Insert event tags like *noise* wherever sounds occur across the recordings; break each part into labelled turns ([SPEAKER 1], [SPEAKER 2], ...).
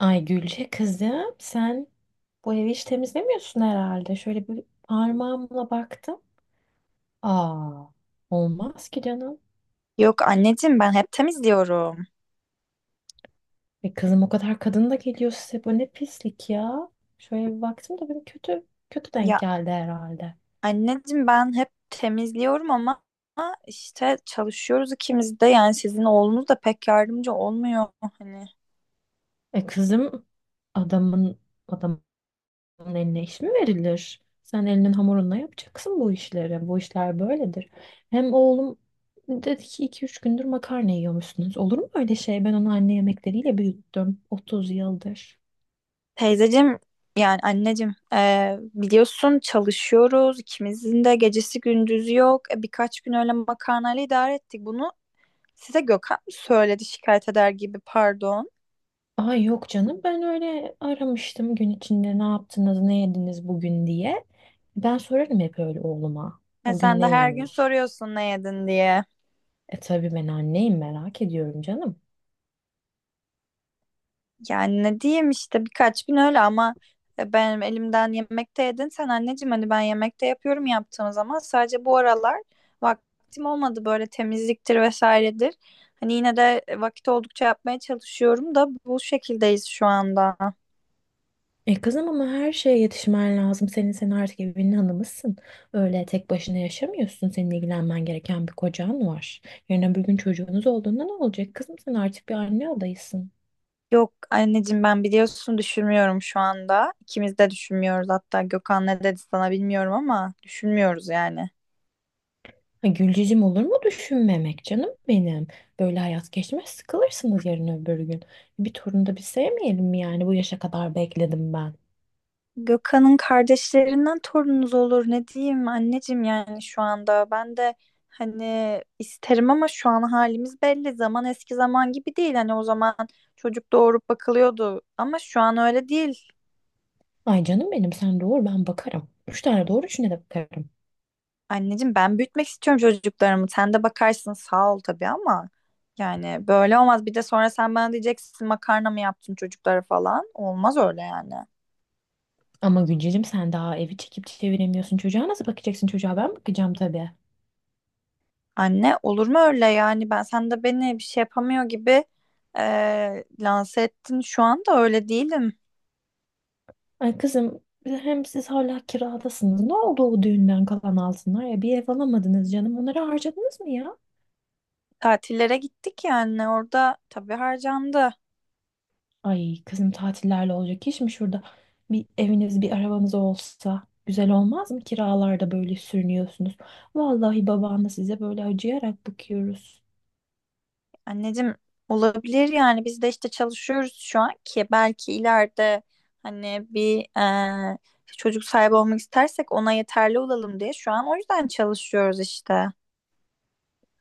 [SPEAKER 1] Ay Gülce kızım sen bu evi hiç temizlemiyorsun herhalde. Şöyle bir parmağımla baktım. Aa, olmaz ki canım.
[SPEAKER 2] Yok anneciğim ben hep temizliyorum.
[SPEAKER 1] E kızım, o kadar kadın da geliyor size. Bu ne pislik ya. Şöyle bir baktım da benim kötü kötü denk
[SPEAKER 2] Ya
[SPEAKER 1] geldi herhalde.
[SPEAKER 2] anneciğim ben hep temizliyorum ama işte çalışıyoruz ikimiz de, yani sizin oğlunuz da pek yardımcı olmuyor hani.
[SPEAKER 1] E kızım, adamın adamın onun eline iş mi verilir? Sen elinin hamurunla yapacaksın bu işleri. Bu işler böyledir. Hem oğlum dedi ki 2-3 gündür makarna yiyormuşsunuz. Olur mu öyle şey? Ben onu anne yemekleriyle büyüttüm 30 yıldır.
[SPEAKER 2] Teyzeciğim, yani anneciğim biliyorsun çalışıyoruz, ikimizin de gecesi gündüzü yok. Birkaç gün öyle makarnayla idare ettik bunu, size Gökhan mı söyledi şikayet eder gibi? Pardon.
[SPEAKER 1] Ay yok canım, ben öyle aramıştım gün içinde ne yaptınız ne yediniz bugün diye. Ben sorarım hep öyle oğluma. O gün
[SPEAKER 2] Sen de
[SPEAKER 1] ne
[SPEAKER 2] her gün
[SPEAKER 1] yemiş?
[SPEAKER 2] soruyorsun ne yedin diye.
[SPEAKER 1] E tabii, ben anneyim, merak ediyorum canım.
[SPEAKER 2] Yani ne diyeyim, işte birkaç gün öyle, ama benim elimden yemekte yedin sen anneciğim, hani ben yemekte yapıyorum, yaptığım zaman. Sadece bu aralar vaktim olmadı, böyle temizliktir vesairedir. Hani yine de vakit oldukça yapmaya çalışıyorum da bu şekildeyiz şu anda.
[SPEAKER 1] E kızım, ama her şeye yetişmen lazım. Senin sen artık evinin hanımısın. Öyle tek başına yaşamıyorsun. Senin ilgilenmen gereken bir kocan var. Yarın öbür gün çocuğunuz olduğunda ne olacak? Kızım sen artık bir anne adayısın.
[SPEAKER 2] Yok anneciğim, ben biliyorsun düşünmüyorum şu anda. İkimiz de düşünmüyoruz, hatta Gökhan ne dedi sana bilmiyorum ama düşünmüyoruz yani.
[SPEAKER 1] Ha, Gülcicim, olur mu düşünmemek canım benim? Böyle hayat geçmez, sıkılırsınız yarın öbür gün. Bir torun da bir sevmeyelim mi yani, bu yaşa kadar bekledim ben.
[SPEAKER 2] Gökhan'ın kardeşlerinden torununuz olur, ne diyeyim anneciğim, yani şu anda ben de hani isterim, ama şu an halimiz belli, zaman eski zaman gibi değil, hani o zaman çocuk doğurup bakılıyordu ama şu an öyle değil.
[SPEAKER 1] Ay canım benim, sen doğur ben bakarım. 3 tane doğur, 3'üne de bakarım.
[SPEAKER 2] Anneciğim ben büyütmek istiyorum çocuklarımı, sen de bakarsın sağ ol tabii, ama yani böyle olmaz. Bir de sonra sen bana diyeceksin makarna mı yaptın çocuklara falan, olmaz öyle yani.
[SPEAKER 1] Ama Gülcicim, sen daha evi çekip çeviremiyorsun. Çocuğa nasıl bakacaksın? Çocuğa ben bakacağım tabii.
[SPEAKER 2] Anne olur mu öyle, yani ben, sen de beni bir şey yapamıyor gibi lanse ettin şu anda, öyle değilim.
[SPEAKER 1] Ay kızım, hem siz hala kiradasınız. Ne oldu o düğünden kalan altınlar ya? Bir ev alamadınız canım. Onları harcadınız mı ya?
[SPEAKER 2] Tatillere gittik, yani orada tabii harcandı.
[SPEAKER 1] Ay kızım, tatillerle olacak iş mi şurada? Bir eviniz bir arabanız olsa güzel olmaz mı? Kiralarda böyle sürünüyorsunuz. Vallahi babanla size böyle acıyarak bakıyoruz.
[SPEAKER 2] Anneciğim olabilir, yani biz de işte çalışıyoruz şu an ki belki ileride hani bir çocuk sahibi olmak istersek ona yeterli olalım diye, şu an o yüzden çalışıyoruz işte.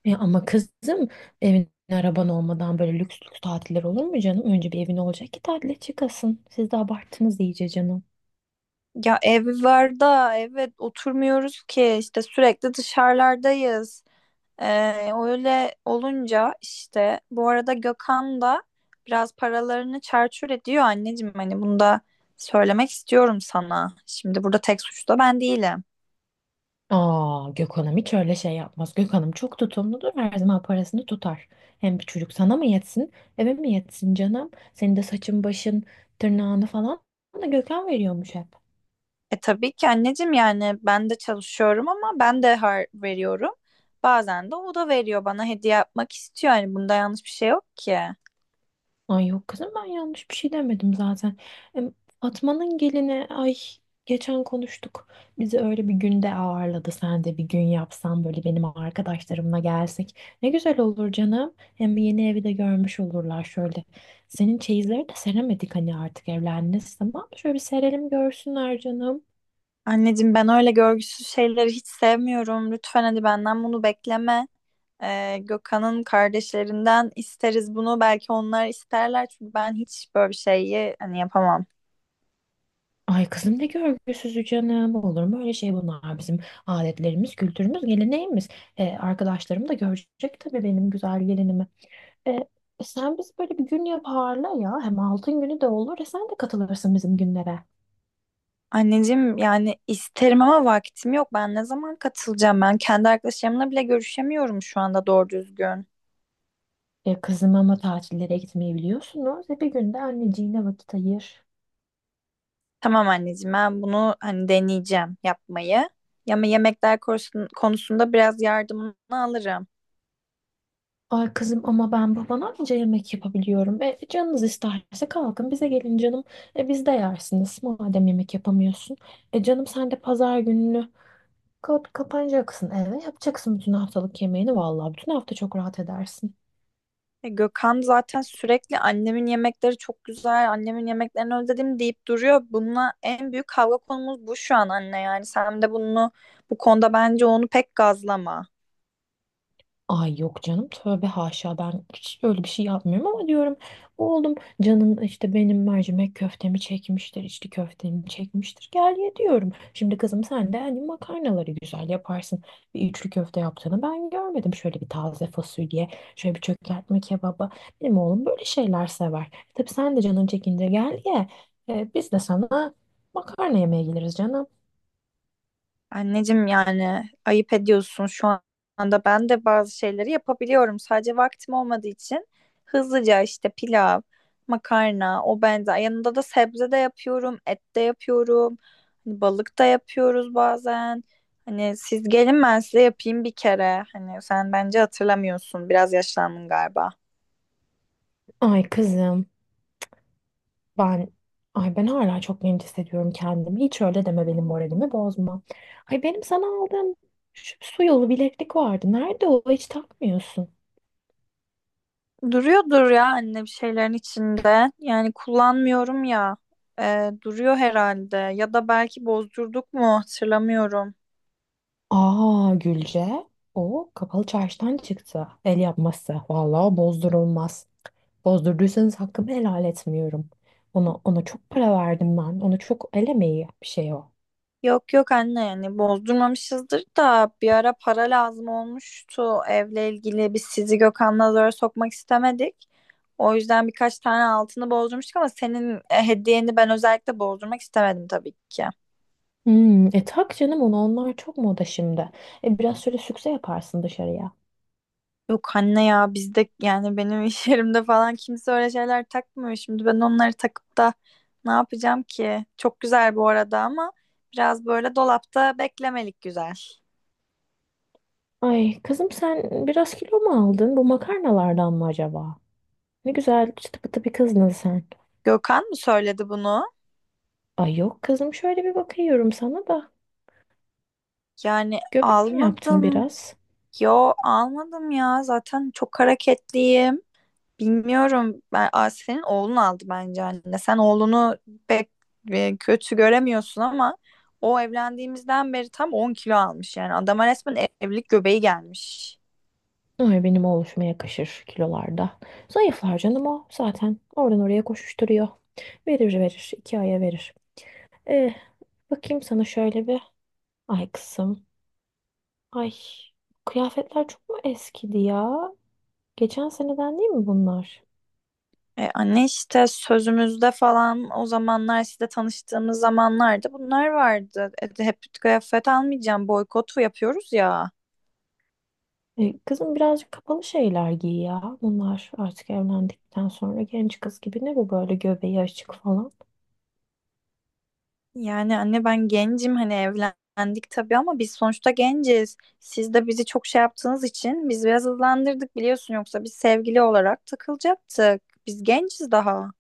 [SPEAKER 1] Ya ama kızım, evin araban olmadan böyle lüks lüks tatiller olur mu canım? Önce bir evin olacak ki tatile çıkasın. Siz de abarttınız iyice canım.
[SPEAKER 2] Ya ev var da, evet, oturmuyoruz ki işte, sürekli dışarılardayız. Öyle olunca işte, bu arada Gökhan da biraz paralarını çarçur ediyor anneciğim, hani bunu da söylemek istiyorum sana. Şimdi burada tek suçlu da ben değilim.
[SPEAKER 1] Aa, Gökhan'ım hiç öyle şey yapmaz. Gökhan'ım çok tutumludur. Her zaman parasını tutar. Hem bir çocuk sana mı yetsin, eve mi yetsin canım? Senin de saçın, başın, tırnağını falan da Gökhan veriyormuş hep.
[SPEAKER 2] E tabii ki anneciğim, yani ben de çalışıyorum, ama ben de har veriyorum. Bazen de o da veriyor, bana hediye yapmak istiyor. Yani bunda yanlış bir şey yok ki.
[SPEAKER 1] Ay yok kızım, ben yanlış bir şey demedim zaten. Em, Fatma'nın gelini, ay, geçen konuştuk. Bizi öyle bir günde ağırladı. Sen de bir gün yapsan böyle, benim arkadaşlarımla gelsek. Ne güzel olur canım. Hem yeni evi de görmüş olurlar şöyle. Senin çeyizleri de seremedik hani, artık evlendiniz, tamam mı? Şöyle bir serelim görsünler canım.
[SPEAKER 2] Anneciğim ben öyle görgüsüz şeyleri hiç sevmiyorum. Lütfen hadi benden bunu bekleme. Gökhan'ın kardeşlerinden isteriz bunu. Belki onlar isterler, çünkü ben hiç böyle bir şeyi hani yapamam.
[SPEAKER 1] Ay kızım, ne görgüsüzü canım. Olur mu öyle şey, bunlar bizim adetlerimiz, kültürümüz, geleneğimiz. E, arkadaşlarım da görecek tabii benim güzel gelinimi. E, sen biz böyle bir gün yaparla ya. Hem altın günü de olur. E sen de katılırsın bizim günlere.
[SPEAKER 2] Anneciğim, yani isterim ama vaktim yok. Ben ne zaman katılacağım? Ben kendi arkadaşlarımla bile görüşemiyorum şu anda doğru düzgün.
[SPEAKER 1] E kızım, ama tatillere gitmeyi biliyorsunuz. E, bir günde anneciğine vakit ayır.
[SPEAKER 2] Tamam anneciğim, ben bunu hani deneyeceğim yapmayı. Ama yemekler konusunda biraz yardımını alırım.
[SPEAKER 1] Ay kızım, ama ben babana anca yemek yapabiliyorum. E, canınız isterse kalkın bize gelin canım. E, biz de yersiniz madem yemek yapamıyorsun. E canım, sen de pazar gününü kapanacaksın eve. Yapacaksın bütün haftalık yemeğini. Vallahi bütün hafta çok rahat edersin.
[SPEAKER 2] Gökhan zaten sürekli "annemin yemekleri çok güzel, annemin yemeklerini özledim" deyip duruyor. Bununla en büyük kavga konumuz bu şu an anne, yani sen de bunu, bu konuda bence onu pek gazlama.
[SPEAKER 1] Ay yok canım, tövbe haşa, ben hiç öyle bir şey yapmıyorum, ama diyorum oğlum, canın işte benim mercimek köftemi çekmiştir, içli köftemi çekmiştir, gel ye diyorum. Şimdi kızım, sen de hani makarnaları güzel yaparsın, bir üçlü köfte yaptığını ben görmedim, şöyle bir taze fasulye, şöyle bir çökertme kebaba, benim oğlum böyle şeyler sever. E tabii, sen de canın çekince gel ye. Biz de sana makarna yemeye geliriz canım.
[SPEAKER 2] Anneciğim yani ayıp ediyorsun şu anda. Ben de bazı şeyleri yapabiliyorum. Sadece vaktim olmadığı için hızlıca işte pilav, makarna, o benzer. Yanında da sebze de yapıyorum, et de yapıyorum. Hani balık da yapıyoruz bazen. Hani siz gelin ben size yapayım bir kere. Hani sen bence hatırlamıyorsun, biraz yaşlandın galiba.
[SPEAKER 1] Ay kızım. Ben, ay, ben hala çok genç hissediyorum kendimi. Hiç öyle deme, benim moralimi bozma. Ay, benim sana aldığım şu su yolu bileklik vardı. Nerede o? Hiç takmıyorsun.
[SPEAKER 2] Duruyordur ya anne bir şeylerin içinde. Yani kullanmıyorum ya. Duruyor herhalde. Ya da belki bozdurduk mu hatırlamıyorum.
[SPEAKER 1] Aa, Gülce. O kapalı çarşıdan çıktı. El yapması. Vallahi bozdurulmaz. Bozdurduysanız hakkımı helal etmiyorum. Ona çok para verdim ben. Ona çok el emeği bir şey o.
[SPEAKER 2] Yok yok anne, yani bozdurmamışızdır da, bir ara para lazım olmuştu evle ilgili. Biz sizi, Gökhan'la zora sokmak istemedik. O yüzden birkaç tane altını bozdurmuştuk, ama senin hediyeni ben özellikle bozdurmak istemedim tabii ki.
[SPEAKER 1] Hmm, e tak canım onu, onlar çok moda şimdi. E, biraz şöyle sükse yaparsın dışarıya.
[SPEAKER 2] Yok anne ya, bizde yani benim iş *laughs* yerimde falan kimse öyle şeyler takmıyor. Şimdi ben onları takıp da ne yapacağım ki? Çok güzel bu arada ama biraz böyle dolapta beklemelik güzel.
[SPEAKER 1] Ay kızım, sen biraz kilo mu aldın? Bu makarnalardan mı acaba? Ne güzel çıtı pıtı bir kızdın sen.
[SPEAKER 2] Gökhan mı söyledi bunu?
[SPEAKER 1] Ay yok kızım, şöyle bir bakıyorum sana da.
[SPEAKER 2] Yani
[SPEAKER 1] Göbek mi yaptın
[SPEAKER 2] almadım.
[SPEAKER 1] biraz?
[SPEAKER 2] Yo almadım ya, zaten çok hareketliyim. Bilmiyorum. Ben, Asiye'nin oğlunu aldı bence anne. Sen oğlunu pek kötü göremiyorsun, ama o evlendiğimizden beri tam 10 kilo almış. Yani adama resmen evlilik göbeği gelmiş.
[SPEAKER 1] Ay, benim oluşuma yakışır kilolarda. Zayıflar canım o zaten. Oradan oraya koşuşturuyor. Verir verir. 2 aya verir. Eh, bakayım sana şöyle bir. Ay kızım. Ay, kıyafetler çok mu eskidi ya? Geçen seneden değil mi bunlar?
[SPEAKER 2] Anne işte sözümüzde falan o zamanlar, işte tanıştığımız zamanlarda bunlar vardı. Hep kıyafet almayacağım boykotu yapıyoruz ya.
[SPEAKER 1] E kızım, birazcık kapalı şeyler giy ya. Bunlar artık evlendikten sonra genç kız gibi, ne bu böyle göbeği açık falan.
[SPEAKER 2] Yani anne ben gencim, hani evlendik tabii ama biz sonuçta genciz. Siz de bizi çok şey yaptığınız için biz biraz hızlandırdık, biliyorsun, yoksa biz sevgili olarak takılacaktık. Biz genciz daha.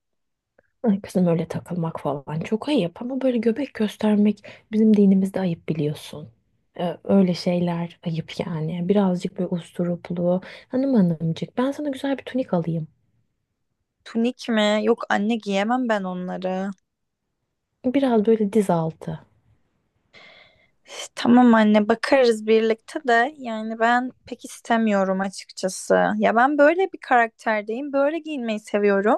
[SPEAKER 1] Ay kızım, öyle takılmak falan çok ayıp, ama böyle göbek göstermek bizim dinimizde ayıp, biliyorsun. Öyle şeyler ayıp yani. Birazcık böyle usturuplu. Hanım hanımcık, ben sana güzel bir tunik alayım.
[SPEAKER 2] Tunik mi? Yok anne, giyemem ben onları.
[SPEAKER 1] Biraz böyle diz altı.
[SPEAKER 2] Üf, tamam anne, bakarız birlikte de yani ben pek istemiyorum açıkçası. Ya ben böyle bir karakterdeyim, böyle giyinmeyi seviyorum.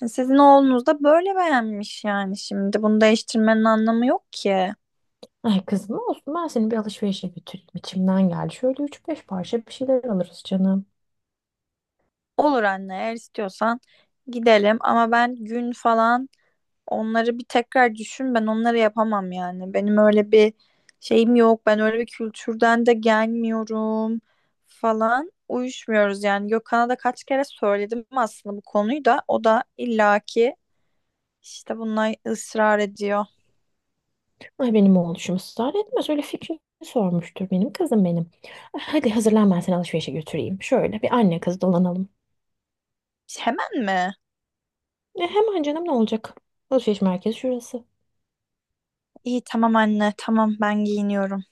[SPEAKER 2] Hani sizin oğlunuz da böyle beğenmiş yani şimdi. Bunu değiştirmenin anlamı yok ki.
[SPEAKER 1] Ay kızım olsun, ben seni bir alışverişe götüreyim. İçimden geldi. Şöyle 3-5 parça bir şeyler alırız canım.
[SPEAKER 2] Olur anne, eğer istiyorsan gidelim, ama ben gün falan, onları bir tekrar düşün, ben onları yapamam yani. Benim öyle bir şeyim yok, ben öyle bir kültürden de gelmiyorum, falan uyuşmuyoruz yani. Gökhan'a da kaç kere söyledim aslında bu konuyu, da o da illaki işte bunlar ısrar ediyor.
[SPEAKER 1] Ay, benim oğluşum ısrar etmez. Öyle fikrini sormuştur benim kızım benim. Ay, hadi hazırlan, ben seni alışverişe götüreyim. Şöyle bir anne kız dolanalım.
[SPEAKER 2] Hemen mi?
[SPEAKER 1] E, hemen canım, ne olacak? Alışveriş merkezi şurası.
[SPEAKER 2] İyi tamam anne, tamam ben giyiniyorum.